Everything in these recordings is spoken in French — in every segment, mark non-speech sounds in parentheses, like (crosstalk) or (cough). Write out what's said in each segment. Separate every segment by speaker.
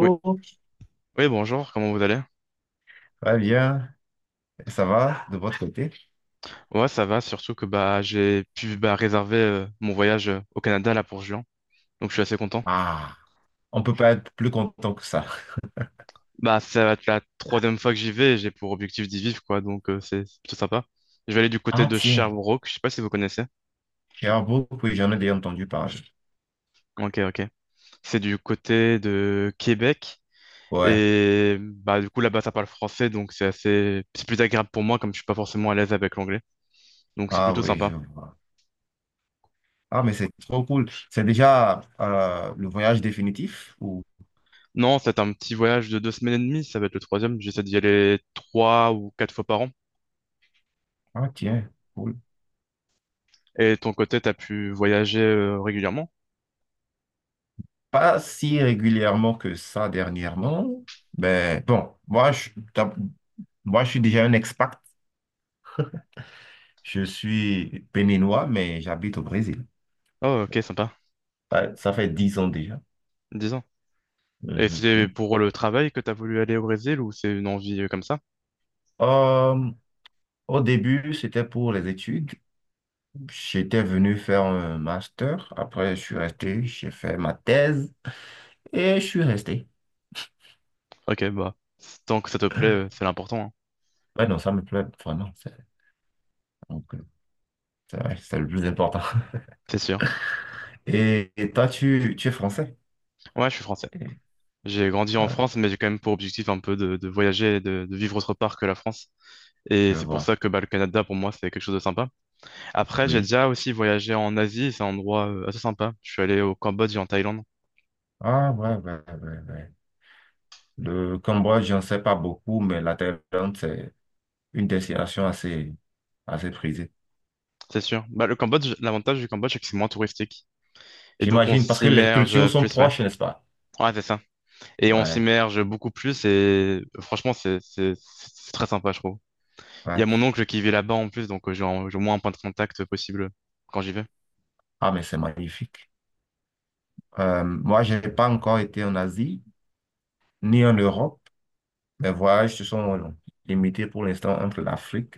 Speaker 1: Oui, oui, bonjour, comment vous allez?
Speaker 2: ça va bien? Et ça va de votre côté?
Speaker 1: Ouais, ça va, surtout que bah j'ai pu bah, réserver mon voyage au Canada là pour juin. Donc je suis assez content.
Speaker 2: Ah, on peut pas être plus content que ça.
Speaker 1: Bah ça va être la troisième fois que j'y vais et j'ai pour objectif d'y vivre quoi, donc c'est plutôt sympa. Je vais aller du côté
Speaker 2: Ah
Speaker 1: de
Speaker 2: tiens,
Speaker 1: Sherbrooke, je sais pas si vous connaissez.
Speaker 2: Sherbrooke, oui, j'en ai déjà entendu parler.
Speaker 1: Ok, ok. C'est du côté de Québec.
Speaker 2: Ouais,
Speaker 1: Et bah du coup là-bas ça parle français, donc c'est plus agréable pour moi comme je suis pas forcément à l'aise avec l'anglais. Donc c'est
Speaker 2: ah
Speaker 1: plutôt
Speaker 2: oui,
Speaker 1: sympa.
Speaker 2: je vois. Ah mais c'est trop cool. C'est déjà le voyage définitif ou...
Speaker 1: Non, c'est un petit voyage de 2 semaines et demie, ça va être le troisième. J'essaie d'y aller 3 ou 4 fois par an.
Speaker 2: Ah tiens, cool.
Speaker 1: Et de ton côté, t'as pu voyager régulièrement?
Speaker 2: Pas si régulièrement que ça dernièrement, mais bon, moi, je suis déjà un expat. Je suis béninois, mais j'habite au Brésil.
Speaker 1: Oh, ok, sympa.
Speaker 2: Ouais, ça fait 10 ans déjà.
Speaker 1: 10 ans. Et c'est
Speaker 2: Mhm.
Speaker 1: pour le travail que t'as voulu aller au Brésil ou c'est une envie comme ça?
Speaker 2: Euh, Au début, c'était pour les études. J'étais venu faire un master. Après, je suis resté, j'ai fait ma thèse et je suis resté.
Speaker 1: Ok, bah, tant que ça te plaît, c'est l'important, hein.
Speaker 2: Ouais, non, ça me plaît vraiment. Donc, euh, c'est vrai, c'est le plus important.
Speaker 1: C'est sûr.
Speaker 2: (laughs) Et toi, tu es français?
Speaker 1: Ouais, je suis français.
Speaker 2: Et-
Speaker 1: J'ai grandi en
Speaker 2: ah,
Speaker 1: France, mais j'ai quand même pour objectif un peu de voyager et de vivre autre part que la France.
Speaker 2: je
Speaker 1: Et c'est pour
Speaker 2: vois.
Speaker 1: ça que bah, le Canada, pour moi, c'est quelque chose de sympa. Après, j'ai
Speaker 2: Oui.
Speaker 1: déjà aussi voyagé en Asie, et c'est un endroit assez sympa. Je suis allé au Cambodge et en Thaïlande,
Speaker 2: Ah, ouais, ouais, ouais, ouais. Le Cambodge, j'en sais pas beaucoup, mais la Thaïlande, c'est une destination assez prisée.
Speaker 1: c'est sûr. Bah, le Cambodge, l'avantage du Cambodge, c'est que c'est moins touristique. Et donc, on
Speaker 2: J'imagine, parce que les
Speaker 1: s'immerge
Speaker 2: cultures sont
Speaker 1: plus, ouais.
Speaker 2: proches, n'est-ce pas?
Speaker 1: Ouais, c'est ça. Et on
Speaker 2: Ouais,
Speaker 1: s'immerge beaucoup plus, et franchement, c'est très sympa, je trouve. Il y
Speaker 2: ouais.
Speaker 1: a mon oncle qui vit là-bas en plus, donc j'ai au moins un point de contact possible quand j'y vais.
Speaker 2: Ah, mais c'est magnifique. Moi, je n'ai pas encore été en Asie ni en Europe. Mes voyages se sont limités pour l'instant entre l'Afrique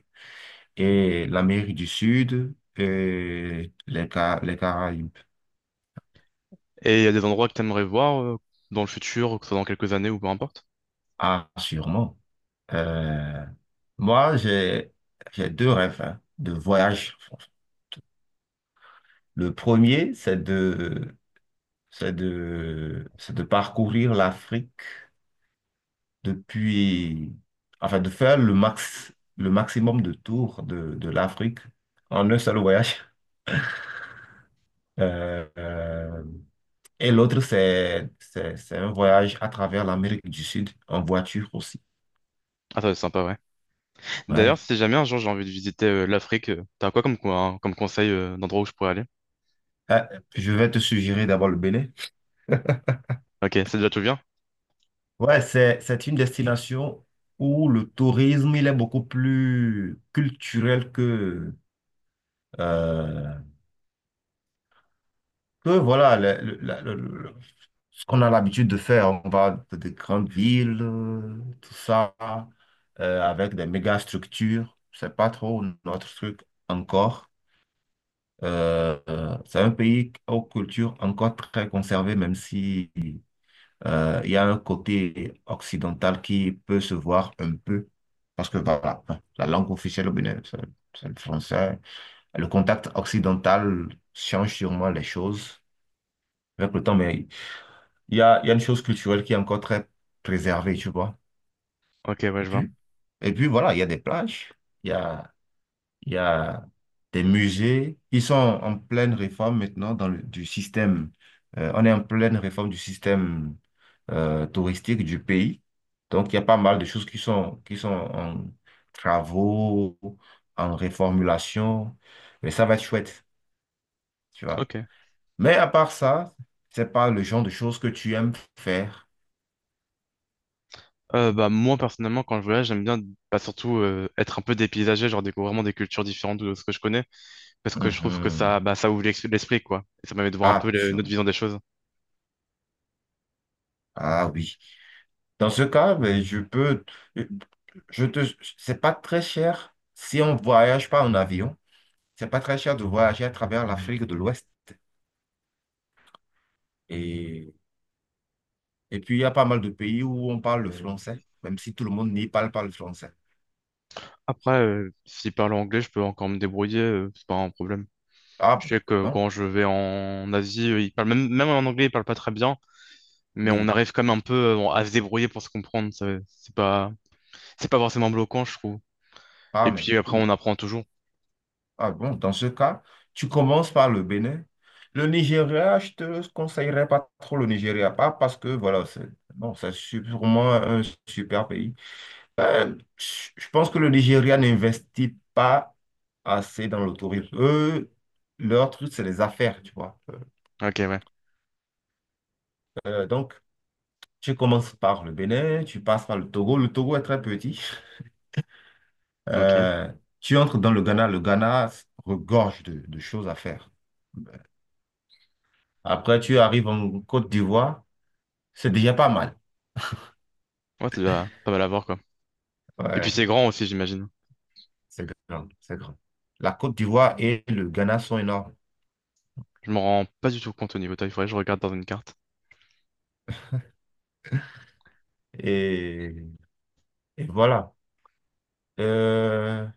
Speaker 2: et l'Amérique du Sud et les Caraïbes.
Speaker 1: Et il y a des endroits que t'aimerais voir dans le futur, que ce soit dans quelques années ou peu importe.
Speaker 2: Ah, sûrement. Euh, Moi, j'ai deux rêves hein, de voyage. Le premier, c'est de parcourir l'Afrique depuis, enfin, de faire le maximum de tours de l'Afrique en un seul voyage. Euh, euh, et l'autre, c'est un voyage à travers l'Amérique du Sud en voiture aussi.
Speaker 1: Ah, ça va être sympa, ouais. D'ailleurs,
Speaker 2: Ouais.
Speaker 1: si jamais un jour j'ai envie de visiter l'Afrique, t'as quoi hein, comme conseil d'endroit où je pourrais aller?
Speaker 2: Ah, je vais te suggérer d'abord le Bénin.
Speaker 1: Ok, c'est déjà tout bien?
Speaker 2: Ouais, c'est une destination où le tourisme, il est beaucoup plus culturel euh, que voilà, ce qu'on a l'habitude de faire, on va dans des grandes villes, tout ça, avec des méga structures. C'est pas trop notre truc encore. C'est un pays aux cultures encore très conservées, même si il y a un côté occidental qui peut se voir un peu. Parce que voilà, enfin, la langue officielle au Bénin, c'est le français. Le contact occidental change sûrement les choses avec le temps, mais il y a une chose culturelle qui est encore très préservée, tu vois.
Speaker 1: Ok, ouais,
Speaker 2: Et
Speaker 1: je vois.
Speaker 2: puis, et puis voilà, il y a des plages, il y a, il y a des musées. Ils sont en pleine réforme maintenant dans du système. On est en pleine réforme du système touristique du pays. Donc, il y a pas mal de choses qui sont en travaux, en réformulation. Mais ça va être chouette, tu vois.
Speaker 1: Ok.
Speaker 2: Mais à part ça, c'est pas le genre de choses que tu aimes faire.
Speaker 1: Bah, moi, personnellement, quand je voyage, j'aime bien bah, surtout être un peu dépaysagé, genre découvrir vraiment des cultures différentes de ce que je connais. Parce que je trouve que
Speaker 2: Mhm.
Speaker 1: ça, bah, ça ouvre l'esprit, quoi. Et ça permet de voir un peu
Speaker 2: Ah, sur...
Speaker 1: notre vision des choses.
Speaker 2: Ah oui. Dans ce cas, ben, je peux... Je te... c'est pas très cher si on voyage pas en avion. C'est pas très cher de voyager à travers l'Afrique de l'Ouest. Et... Et puis, il y a pas mal de pays où on parle le français, même si tout le monde n'y parle pas le français.
Speaker 1: Après, si parle anglais, je peux encore me débrouiller, c'est pas un problème.
Speaker 2: Ah
Speaker 1: Je
Speaker 2: ben,
Speaker 1: sais que
Speaker 2: non.
Speaker 1: quand je vais en Asie, ils parlent même en anglais, ils parlent pas très bien, mais on
Speaker 2: Oui.
Speaker 1: arrive quand même un peu à se débrouiller pour se comprendre. C'est pas forcément bloquant, je trouve.
Speaker 2: Ah
Speaker 1: Et
Speaker 2: mais
Speaker 1: puis après,
Speaker 2: cool.
Speaker 1: on apprend toujours.
Speaker 2: Ah bon, dans ce cas, tu commences par le Bénin. Le Nigeria, je te conseillerais pas trop le Nigeria, pas parce que, voilà. Non, c'est sûrement un super pays. Ben, je pense que le Nigeria n'investit pas assez dans le tourisme. Eux, leur truc, c'est les affaires, tu vois.
Speaker 1: Ok, ouais.
Speaker 2: Donc, tu commences par le Bénin, tu passes par le Togo. Le Togo est très petit.
Speaker 1: Ok.
Speaker 2: Euh, Tu entres dans le Ghana. Le Ghana regorge de choses à faire. Après, tu arrives en Côte d'Ivoire. C'est déjà pas mal.
Speaker 1: Ouais, tu dois pas mal à voir quoi. Et puis
Speaker 2: Ouais,
Speaker 1: c'est grand aussi, j'imagine.
Speaker 2: c'est grand, c'est grand. La Côte d'Ivoire et le Ghana sont énormes.
Speaker 1: Je m'en rends pas du tout compte au niveau taille. Faudrait que je regarde dans une carte.
Speaker 2: Et, et voilà. Euh,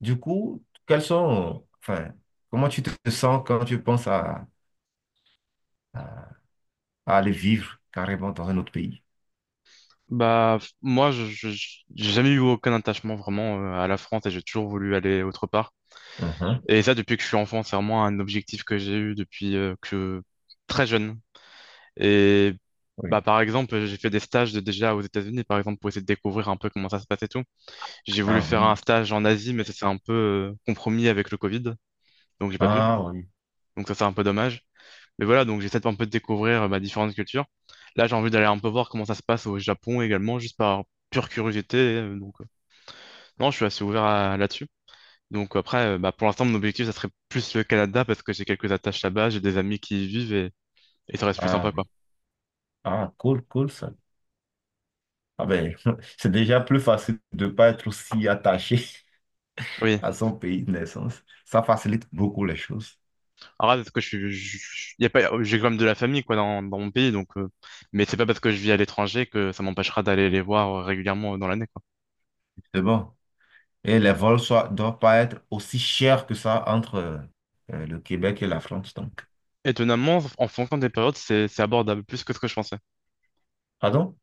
Speaker 2: Du coup, quels sont, enfin, comment tu te sens quand tu penses à- à aller vivre carrément dans un autre pays?
Speaker 1: Bah, moi, j'ai jamais eu aucun attachement vraiment à la France et j'ai toujours voulu aller autre part.
Speaker 2: Mhm.
Speaker 1: Et ça, depuis que je suis enfant, c'est vraiment un objectif que j'ai eu depuis que très jeune. Et
Speaker 2: Oui.
Speaker 1: bah, par exemple, j'ai fait des stages déjà aux États-Unis, par exemple, pour essayer de découvrir un peu comment ça se passe et tout. J'ai voulu
Speaker 2: Ah
Speaker 1: faire un
Speaker 2: oui,
Speaker 1: stage en Asie, mais ça s'est un peu compromis avec le Covid, donc j'ai pas pu.
Speaker 2: ah oui,
Speaker 1: Donc ça, c'est un peu dommage. Mais voilà, donc j'essaie de un peu de découvrir bah, différentes cultures. Là, j'ai envie d'aller un peu voir comment ça se passe au Japon également, juste par pure curiosité. Donc non, je suis assez ouvert là-dessus. Donc après, bah, pour l'instant, mon objectif, ça serait plus le Canada parce que j'ai quelques attaches là-bas, j'ai des amis qui y vivent et ça reste plus
Speaker 2: ah
Speaker 1: sympa, quoi.
Speaker 2: oui. Ah, cool, cool ça. Ah ben, (laughs) c'est déjà plus facile de ne pas être aussi attaché (laughs)
Speaker 1: Oui.
Speaker 2: à son pays de naissance. Ça facilite beaucoup les choses.
Speaker 1: Alors là, parce que je suis, je- y a pas, j'ai quand même de la famille, quoi, dans mon pays, donc, mais c'est pas parce que je vis à l'étranger que ça m'empêchera d'aller les voir régulièrement dans l'année, quoi.
Speaker 2: C'est bon. Et les vols ne doivent pas être aussi chers que ça entre le Québec et la France, donc.
Speaker 1: Étonnamment, en fonction des périodes, c'est abordable plus que ce que je pensais.
Speaker 2: Pardon?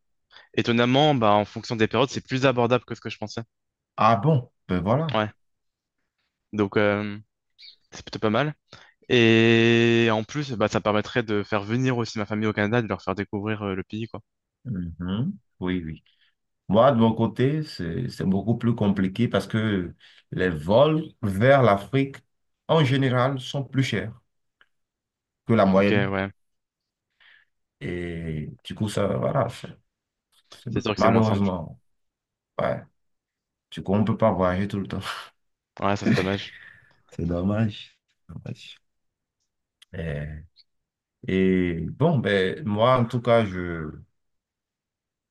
Speaker 1: Étonnamment, bah, en fonction des périodes, c'est plus abordable que ce que je pensais.
Speaker 2: Ah bon? Ben voilà.
Speaker 1: Ouais. Donc, c'est plutôt pas mal. Et en plus, bah, ça permettrait de faire venir aussi ma famille au Canada, de leur faire découvrir le pays, quoi.
Speaker 2: Mhm. Oui, oui. Moi, de mon côté, c'est beaucoup plus compliqué parce que les vols vers l'Afrique, en général, sont plus chers que la
Speaker 1: Ok,
Speaker 2: moyenne.
Speaker 1: ouais.
Speaker 2: Et du coup, ça, voilà, c'est
Speaker 1: C'est sûr que c'est moins simple.
Speaker 2: malheureusement, ouais. Du coup, on ne peut pas voyager tout le temps. (laughs)
Speaker 1: Ouais, ça, c'est dommage.
Speaker 2: C'est dommage. Dommage. Euh, Et, bon, ben, moi, en tout cas,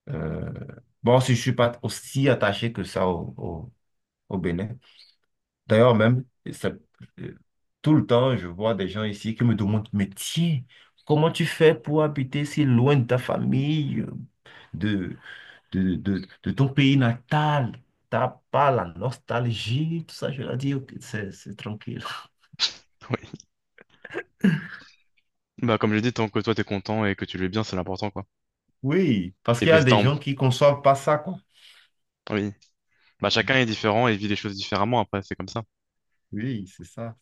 Speaker 2: euh, bon, si je suis pas aussi attaché que ça au Bénin. D'ailleurs, même, ça- euh, tout le temps, je vois des gens ici qui me demandent, mais tiens, comment tu fais pour habiter si loin de ta famille, de, de ton pays natal? T'as pas la nostalgie, tout ça. Je leur dis, ok, c'est tranquille.
Speaker 1: Oui. Bah, comme je l'ai dit, tant que toi, t'es content et que tu le vis bien, c'est l'important, quoi.
Speaker 2: Oui, parce
Speaker 1: Et
Speaker 2: qu'il y a
Speaker 1: puis,
Speaker 2: des
Speaker 1: tant.
Speaker 2: gens qui ne conçoivent pas ça, quoi.
Speaker 1: Oui. Bah, chacun est différent et vit les choses différemment après, c'est comme ça.
Speaker 2: Oui, c'est ça.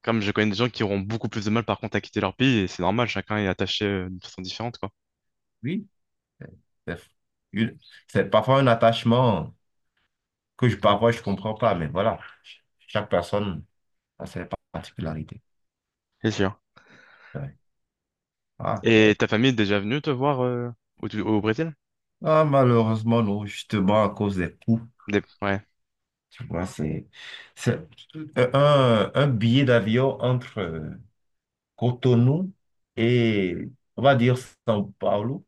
Speaker 1: Comme je connais des gens qui auront beaucoup plus de mal, par contre, à quitter leur pays, et c'est normal, chacun est attaché d'une façon différente, quoi.
Speaker 2: Oui, c'est une- c'est parfois un attachement que parfois je comprends pas, mais voilà, chaque personne a ses particularités.
Speaker 1: C'est sûr.
Speaker 2: Ouais. Ah.
Speaker 1: Et ta famille est déjà venue te voir au Brésil?
Speaker 2: Ah, malheureusement, non, justement, à cause des coûts,
Speaker 1: Ouais.
Speaker 2: tu vois, c'est un billet d'avion entre Cotonou et, on va dire, São Paulo.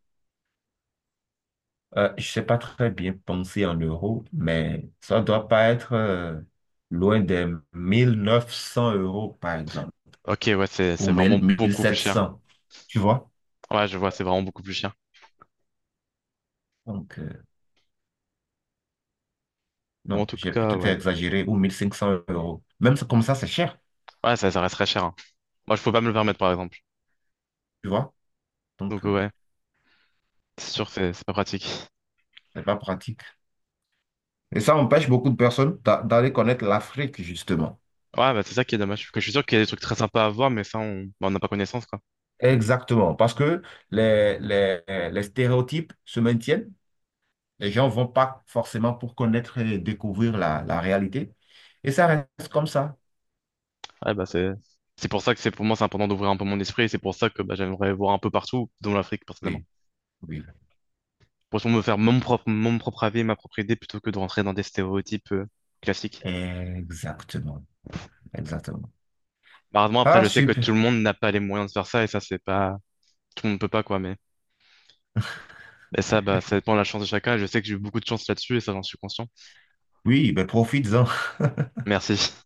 Speaker 2: Je ne sais pas très bien penser en euros, mais ça ne doit pas être loin des 1900 euros, par exemple,
Speaker 1: Ok, ouais, c'est
Speaker 2: ou
Speaker 1: vraiment
Speaker 2: mille
Speaker 1: beaucoup plus
Speaker 2: sept
Speaker 1: cher.
Speaker 2: cents, tu vois.
Speaker 1: Ouais, je vois, c'est vraiment beaucoup plus cher.
Speaker 2: Donc,
Speaker 1: Bon, en
Speaker 2: non,
Speaker 1: tout
Speaker 2: j'ai
Speaker 1: cas,
Speaker 2: peut-être
Speaker 1: ouais.
Speaker 2: exagéré, ou 1500 euros. Même comme ça, c'est cher,
Speaker 1: Ouais, ça resterait cher, hein. Moi, je peux pas me le permettre, par exemple.
Speaker 2: tu vois. Donc,
Speaker 1: Donc, ouais, c'est sûr que c'est pas pratique.
Speaker 2: c'est pas pratique. Et ça empêche beaucoup de personnes d'aller connaître l'Afrique, justement.
Speaker 1: Ouais, bah, c'est ça qui est dommage. Parce que je suis sûr qu'il y a des trucs très sympas à voir, mais ça, on bah, on n'a pas connaissance, quoi.
Speaker 2: Exactement, parce que les, les, les stéréotypes se maintiennent. Les gens vont pas forcément pour connaître et découvrir la réalité. Et ça reste comme ça.
Speaker 1: Ouais, bah, c'est pour ça que c'est pour moi, c'est important d'ouvrir un peu mon esprit. Et c'est pour ça que bah, j'aimerais voir un peu partout, dont l'Afrique, personnellement.
Speaker 2: Oui, oui.
Speaker 1: Pour me faire mon propre avis, ma propre idée, plutôt que de rentrer dans des stéréotypes classiques.
Speaker 2: Exactement, exactement.
Speaker 1: Malheureusement, après,
Speaker 2: Ah,
Speaker 1: je sais que tout le
Speaker 2: super.
Speaker 1: monde n'a pas les moyens de faire ça, et ça, c'est pas. Tout le monde ne peut pas, quoi, mais. Et ça, bah, ça dépend de la chance de chacun. Et je sais que j'ai eu beaucoup de chance là-dessus et ça, j'en suis conscient.
Speaker 2: Oui, ben profites-en. (laughs)
Speaker 1: Merci. (laughs)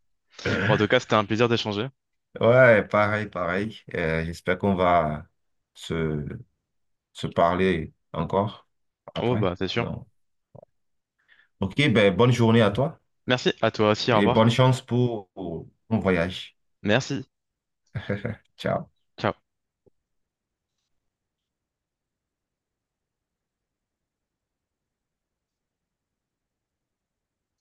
Speaker 1: Bon, en tout cas, c'était un plaisir d'échanger.
Speaker 2: Ouais, pareil, pareil. J'espère qu'on va se, se parler encore
Speaker 1: Oh,
Speaker 2: après.
Speaker 1: bah, c'est sûr.
Speaker 2: Donc, ok, ben bonne journée à toi.
Speaker 1: Merci à toi aussi. Au
Speaker 2: Et
Speaker 1: revoir.
Speaker 2: bonne chance pour ton voyage.
Speaker 1: Merci.
Speaker 2: Ciao.
Speaker 1: Ciao.